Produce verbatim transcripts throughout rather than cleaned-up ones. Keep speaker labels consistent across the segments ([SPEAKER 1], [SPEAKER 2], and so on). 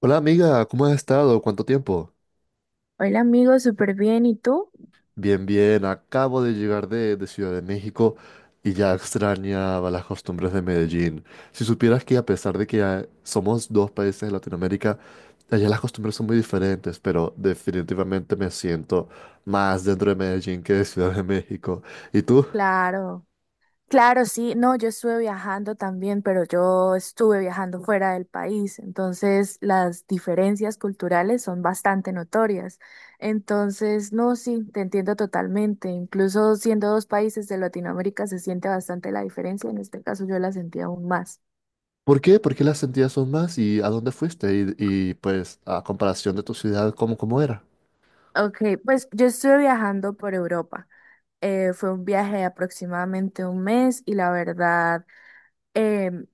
[SPEAKER 1] Hola amiga, ¿cómo has estado? ¿Cuánto tiempo?
[SPEAKER 2] Hola amigo, súper bien. ¿Y tú?
[SPEAKER 1] Bien, bien, acabo de llegar de, de Ciudad de México y ya extrañaba las costumbres de Medellín. Si supieras que a pesar de que ah, somos dos países de Latinoamérica, allá las costumbres son muy diferentes, pero definitivamente me siento más dentro de Medellín que de Ciudad de México. ¿Y tú?
[SPEAKER 2] Claro, claro, sí. No, yo estuve viajando también, pero yo estuve viajando fuera del país, entonces las diferencias culturales son bastante notorias. Entonces, no, sí, te entiendo totalmente. Incluso siendo dos países de Latinoamérica se siente bastante la diferencia. En este caso yo la sentí aún más.
[SPEAKER 1] ¿Por qué? ¿Por qué las sentías son más? ¿Y a dónde fuiste? Y, y, pues a comparación de tu ciudad, ¿cómo, cómo era?
[SPEAKER 2] Ok, pues yo estuve viajando por Europa. Eh, fue un viaje de aproximadamente un mes y la verdad em,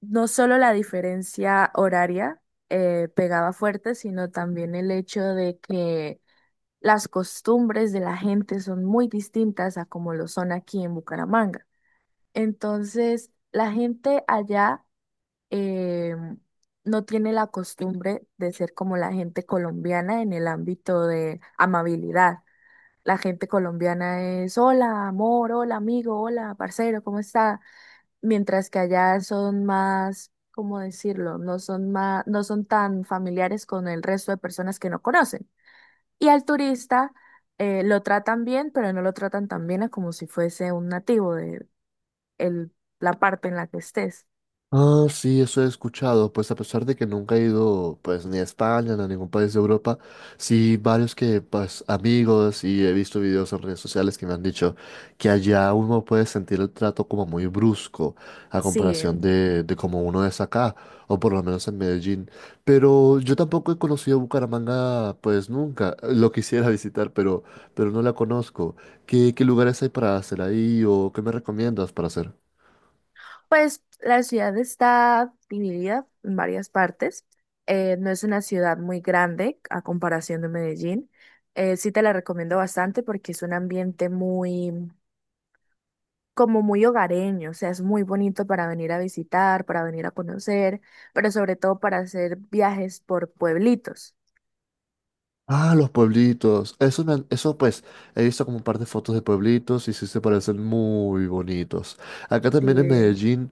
[SPEAKER 2] no solo la diferencia horaria eh, pegaba fuerte, sino también el hecho de que las costumbres de la gente son muy distintas a como lo son aquí en Bucaramanga. Entonces, la gente allá eh, no tiene la costumbre de ser como la gente colombiana en el ámbito de amabilidad. La gente colombiana es hola, amor, hola, amigo, hola, parcero, ¿cómo está?, mientras que allá son más, ¿cómo decirlo? No son más, no son tan familiares con el resto de personas que no conocen. Y al turista eh, lo tratan bien, pero no lo tratan tan bien a como si fuese un nativo de el- la parte en la que estés.
[SPEAKER 1] Ah, sí, eso he escuchado. Pues a pesar de que nunca he ido, pues ni a España ni a ningún país de Europa, sí varios que, pues amigos, y he visto videos en redes sociales que me han dicho que allá uno puede sentir el trato como muy brusco a
[SPEAKER 2] Sí,
[SPEAKER 1] comparación de, de como uno es acá, o por lo menos en Medellín. Pero yo tampoco he conocido Bucaramanga, pues nunca. Lo quisiera visitar, pero, pero no la conozco. ¿Qué, qué lugares hay para hacer ahí o qué me recomiendas para hacer?
[SPEAKER 2] pues la ciudad está dividida en varias partes. Eh, no es una ciudad muy grande a comparación de Medellín. Eh, sí te la recomiendo bastante porque es un ambiente muy, como muy hogareño, o sea, es muy bonito para venir a visitar, para venir a conocer, pero sobre todo para hacer viajes por pueblitos.
[SPEAKER 1] Ah, los pueblitos. Eso, me han- eso pues, he visto como un par de fotos de pueblitos y sí se parecen muy bonitos. Acá
[SPEAKER 2] Sí,
[SPEAKER 1] también en Medellín,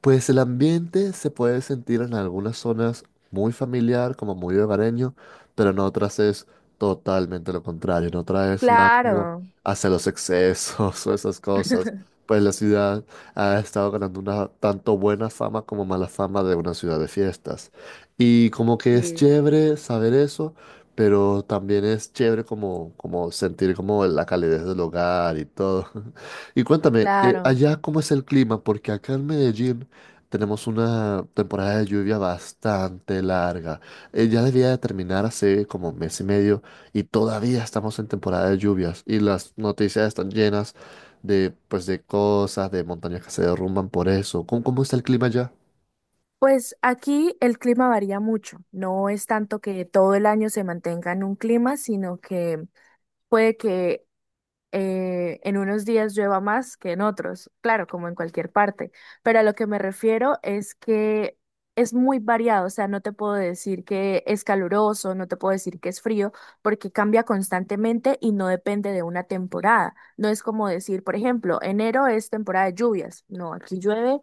[SPEAKER 1] pues el ambiente se puede sentir en algunas zonas muy familiar, como muy hogareño, pero en otras es totalmente lo contrario. En otras es más como
[SPEAKER 2] claro,
[SPEAKER 1] hacia los excesos o esas cosas. Pues la ciudad ha estado ganando una tanto buena fama como mala fama de una ciudad de fiestas. Y como que es
[SPEAKER 2] sí,
[SPEAKER 1] chévere saber eso, pero también es chévere como, como sentir como la calidez del hogar y todo. Y cuéntame, eh,
[SPEAKER 2] claro.
[SPEAKER 1] allá cómo es el clima, porque acá en Medellín tenemos una temporada de lluvia bastante larga. Eh, ya debía de terminar hace como mes y medio y todavía estamos en temporada de lluvias y las noticias están llenas de, pues, de cosas, de montañas que se derrumban por eso. ¿Cómo, cómo está el clima allá?
[SPEAKER 2] Pues aquí el clima varía mucho, no es tanto que todo el año se mantenga en un clima, sino que puede que eh, en unos días llueva más que en otros, claro, como en cualquier parte, pero a lo que me refiero es que es muy variado, o sea, no te puedo decir que es caluroso, no te puedo decir que es frío, porque cambia constantemente y no depende de una temporada. No es como decir, por ejemplo, enero es temporada de lluvias, no, aquí llueve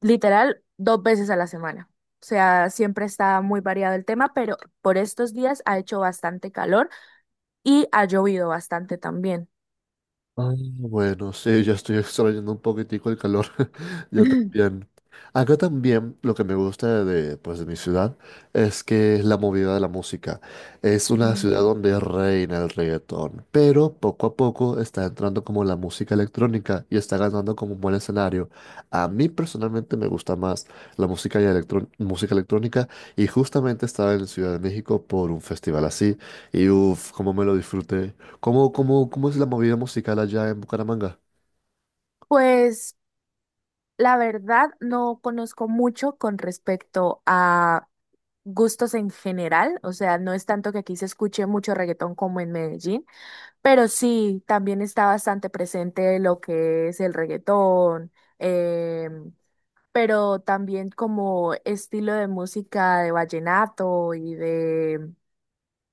[SPEAKER 2] literal dos veces a la semana. O sea, siempre está muy variado el tema, pero por estos días ha hecho bastante calor y ha llovido bastante también.
[SPEAKER 1] Ah, bueno, sí, ya estoy extrayendo un poquitico el calor. Yo también. Acá también lo que me gusta de, pues, de mi ciudad es que es la movida de la música. Es una ciudad
[SPEAKER 2] Mm.
[SPEAKER 1] donde reina el reggaetón, pero poco a poco está entrando como la música electrónica y está ganando como un buen escenario. A mí personalmente me gusta más la música, y electrón- música electrónica, y justamente estaba en Ciudad de México por un festival así y uff, cómo me lo disfruté. ¿Cómo, cómo, cómo es la movida musical allá en Bucaramanga?
[SPEAKER 2] Pues la verdad no conozco mucho con respecto a gustos en general, o sea, no es tanto que aquí se escuche mucho reggaetón como en Medellín, pero sí, también está bastante presente lo que es el reggaetón, em, pero también como estilo de música de vallenato y de,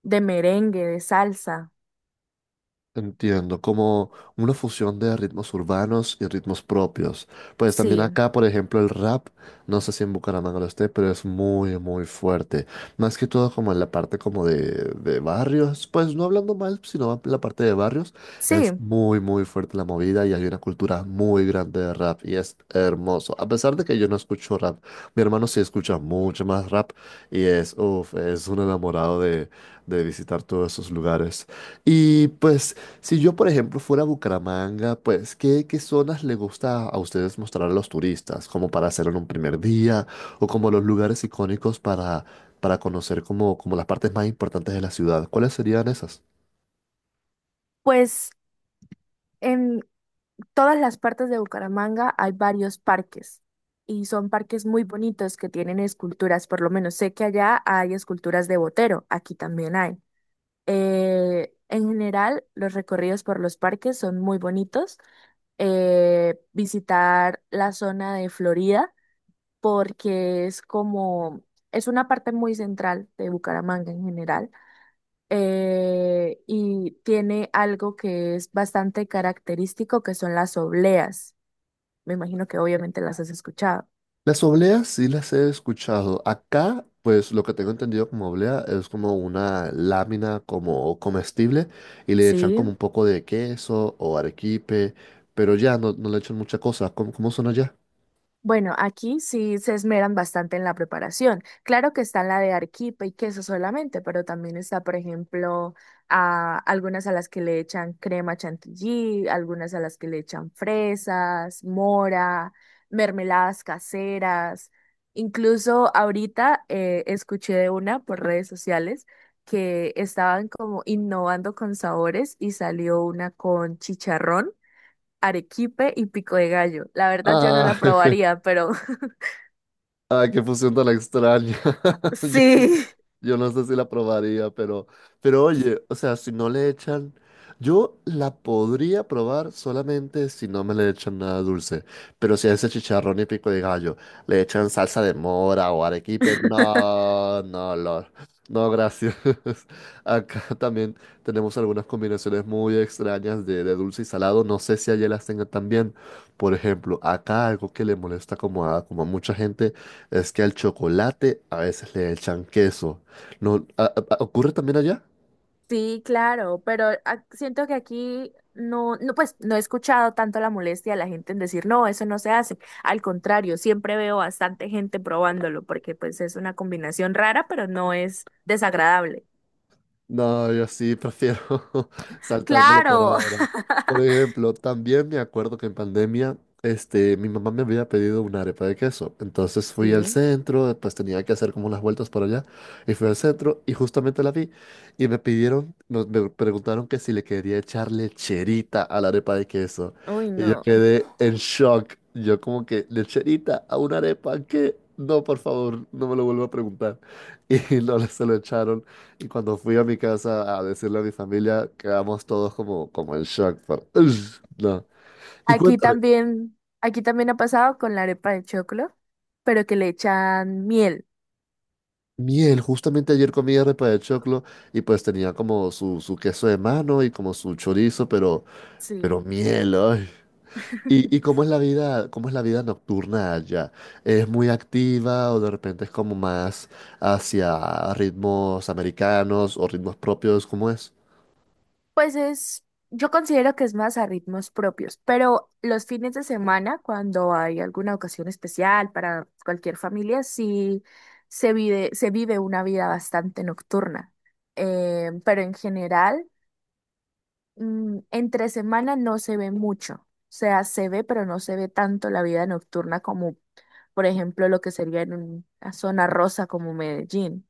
[SPEAKER 2] de merengue, de salsa.
[SPEAKER 1] Entiendo, como una fusión de ritmos urbanos y ritmos propios. Pues también
[SPEAKER 2] Sí,
[SPEAKER 1] acá, por ejemplo, el rap, no sé si en Bucaramanga lo esté, pero es muy, muy fuerte. Más que todo como en la parte como de, de barrios, pues no hablando mal, sino en la parte de barrios, es
[SPEAKER 2] sí,
[SPEAKER 1] muy, muy fuerte la movida y hay una cultura muy grande de rap y es hermoso. A pesar de que yo no escucho rap, mi hermano sí escucha mucho más rap y es, uff, es un enamorado de, de visitar todos esos lugares. Y pues si yo, por ejemplo, fuera a Bucaramanga, pues, ¿qué, qué zonas le gusta a ustedes mostrar a los turistas? Como para hacerlo en un primer día, o como los lugares icónicos para, para conocer como, como las partes más importantes de la ciudad. ¿Cuáles serían esas?
[SPEAKER 2] pues en todas las partes de Bucaramanga hay varios parques y son parques muy bonitos que tienen esculturas. Por lo menos sé que allá hay esculturas de Botero, aquí también hay. Eh, en general, los recorridos por los parques son muy bonitos. Eh, visitar la zona de Florida porque es como, es una parte muy central de Bucaramanga en general, eh, y tiene algo que es bastante característico, que son las obleas. Me imagino que obviamente las has escuchado.
[SPEAKER 1] Las obleas sí las he escuchado. Acá, pues, lo que tengo entendido como oblea es como una lámina como comestible y le echan como un
[SPEAKER 2] Sí.
[SPEAKER 1] poco de queso o arequipe, pero ya no, no le echan mucha cosa. ¿Cómo, cómo son allá?
[SPEAKER 2] Bueno, aquí sí se esmeran bastante en la preparación. Claro que está la de arequipe y queso solamente, pero también está, por ejemplo, a algunas a las que le echan crema chantilly, algunas a las que le echan fresas, mora, mermeladas caseras. Incluso ahorita eh, escuché de una por redes sociales que estaban como innovando con sabores y salió una con chicharrón, arequipe y pico de gallo. La verdad yo no
[SPEAKER 1] Ah,
[SPEAKER 2] la probaría, pero
[SPEAKER 1] ay, qué fusión tan extraña.
[SPEAKER 2] sí.
[SPEAKER 1] Yo no sé si la probaría, pero, pero oye, o sea, si no le echan, yo la podría probar solamente si no me le echan nada dulce. Pero si a ese chicharrón y pico de gallo le echan salsa de mora o arequipe, no, no, no, no, gracias. Acá también tenemos algunas combinaciones muy extrañas de, de dulce y salado. No sé si allá las tengan también. Por ejemplo, acá algo que le molesta como a, como a mucha gente es que al chocolate a veces le echan queso. No, ¿a- a- a- ocurre también allá?
[SPEAKER 2] Sí, claro, pero ac- siento que aquí no, no, pues no he escuchado tanto la molestia de la gente en decir, no, eso no se hace. Al contrario, siempre veo bastante gente probándolo porque pues es una combinación rara, pero no es desagradable.
[SPEAKER 1] No, yo sí prefiero saltármelo por
[SPEAKER 2] Claro.
[SPEAKER 1] ahora. Por ejemplo, también me acuerdo que en pandemia, este, mi mamá me había pedido una arepa de queso. Entonces fui al
[SPEAKER 2] Sí.
[SPEAKER 1] centro, pues tenía que hacer como unas vueltas por allá. Y fui al centro y justamente la vi. Y me pidieron, nos- me preguntaron que si le quería echar lecherita a la arepa de queso.
[SPEAKER 2] Uy,
[SPEAKER 1] Y yo
[SPEAKER 2] no.
[SPEAKER 1] quedé en shock. Yo como que, ¿lecherita a una arepa? ¿Qué? No, por favor, no me lo vuelvo a preguntar. Y no le se lo echaron. Y cuando fui a mi casa a decirle a mi familia, quedamos todos como, como en shock. por- "Ugh, no." Y
[SPEAKER 2] Aquí
[SPEAKER 1] cuéntame,
[SPEAKER 2] también, aquí también ha pasado con la arepa de choclo, pero que le echan miel.
[SPEAKER 1] miel, justamente ayer comí arepa de choclo y pues tenía como su, su queso de mano y como su chorizo, pero,
[SPEAKER 2] Sí.
[SPEAKER 1] pero miel, ay. ¿Y, y cómo es la vida, cómo es la vida nocturna allá? ¿Es muy activa o de repente es como más hacia ritmos americanos o ritmos propios? ¿Cómo es?
[SPEAKER 2] Pues es, yo considero que es más a ritmos propios, pero los fines de semana, cuando hay alguna ocasión especial para cualquier familia, sí se vive, se vive una vida bastante nocturna. Eh, pero en general, mm, entre semana no se ve mucho. O sea, se ve, pero no se ve tanto la vida nocturna como, por ejemplo, lo que sería en una zona rosa como Medellín.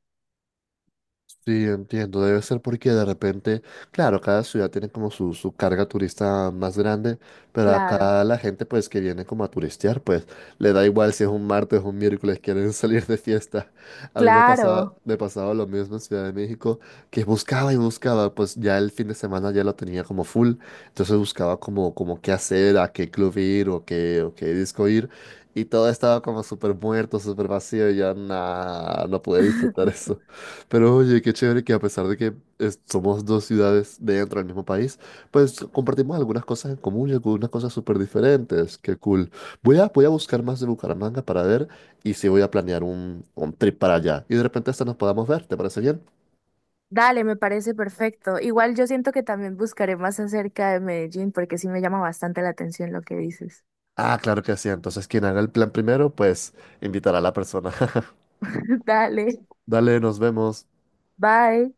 [SPEAKER 1] Sí, entiendo. Debe ser porque de repente, claro, cada ciudad tiene como su, su carga turista más grande, pero
[SPEAKER 2] Claro,
[SPEAKER 1] acá la gente pues que viene como a turistear, pues le da igual si es un martes o un miércoles, quieren salir de fiesta. A mí me pasaba,
[SPEAKER 2] claro.
[SPEAKER 1] me pasaba lo mismo en Ciudad de México, que buscaba y buscaba, pues ya el fin de semana ya lo tenía como full, entonces buscaba como, como qué hacer, a qué club ir o qué, o qué disco ir, y todo estaba como súper muerto, súper vacío, y ya nada, no pude disfrutar, pero oye, qué chévere que a pesar de que es- somos dos ciudades dentro del mismo país, pues compartimos algunas cosas en común y algunas cosas súper diferentes. Qué cool. Voy a, voy a buscar más de Bucaramanga para ver y si voy a planear un, un trip para allá. Y de repente hasta nos podamos ver, ¿te parece bien?
[SPEAKER 2] Dale, me parece perfecto. Igual yo siento que también buscaré más acerca de Medellín porque sí me llama bastante la atención lo que dices.
[SPEAKER 1] Ah, claro que sí. Entonces quien haga el plan primero, pues invitará a la persona.
[SPEAKER 2] Dale,
[SPEAKER 1] Dale, nos vemos.
[SPEAKER 2] bye.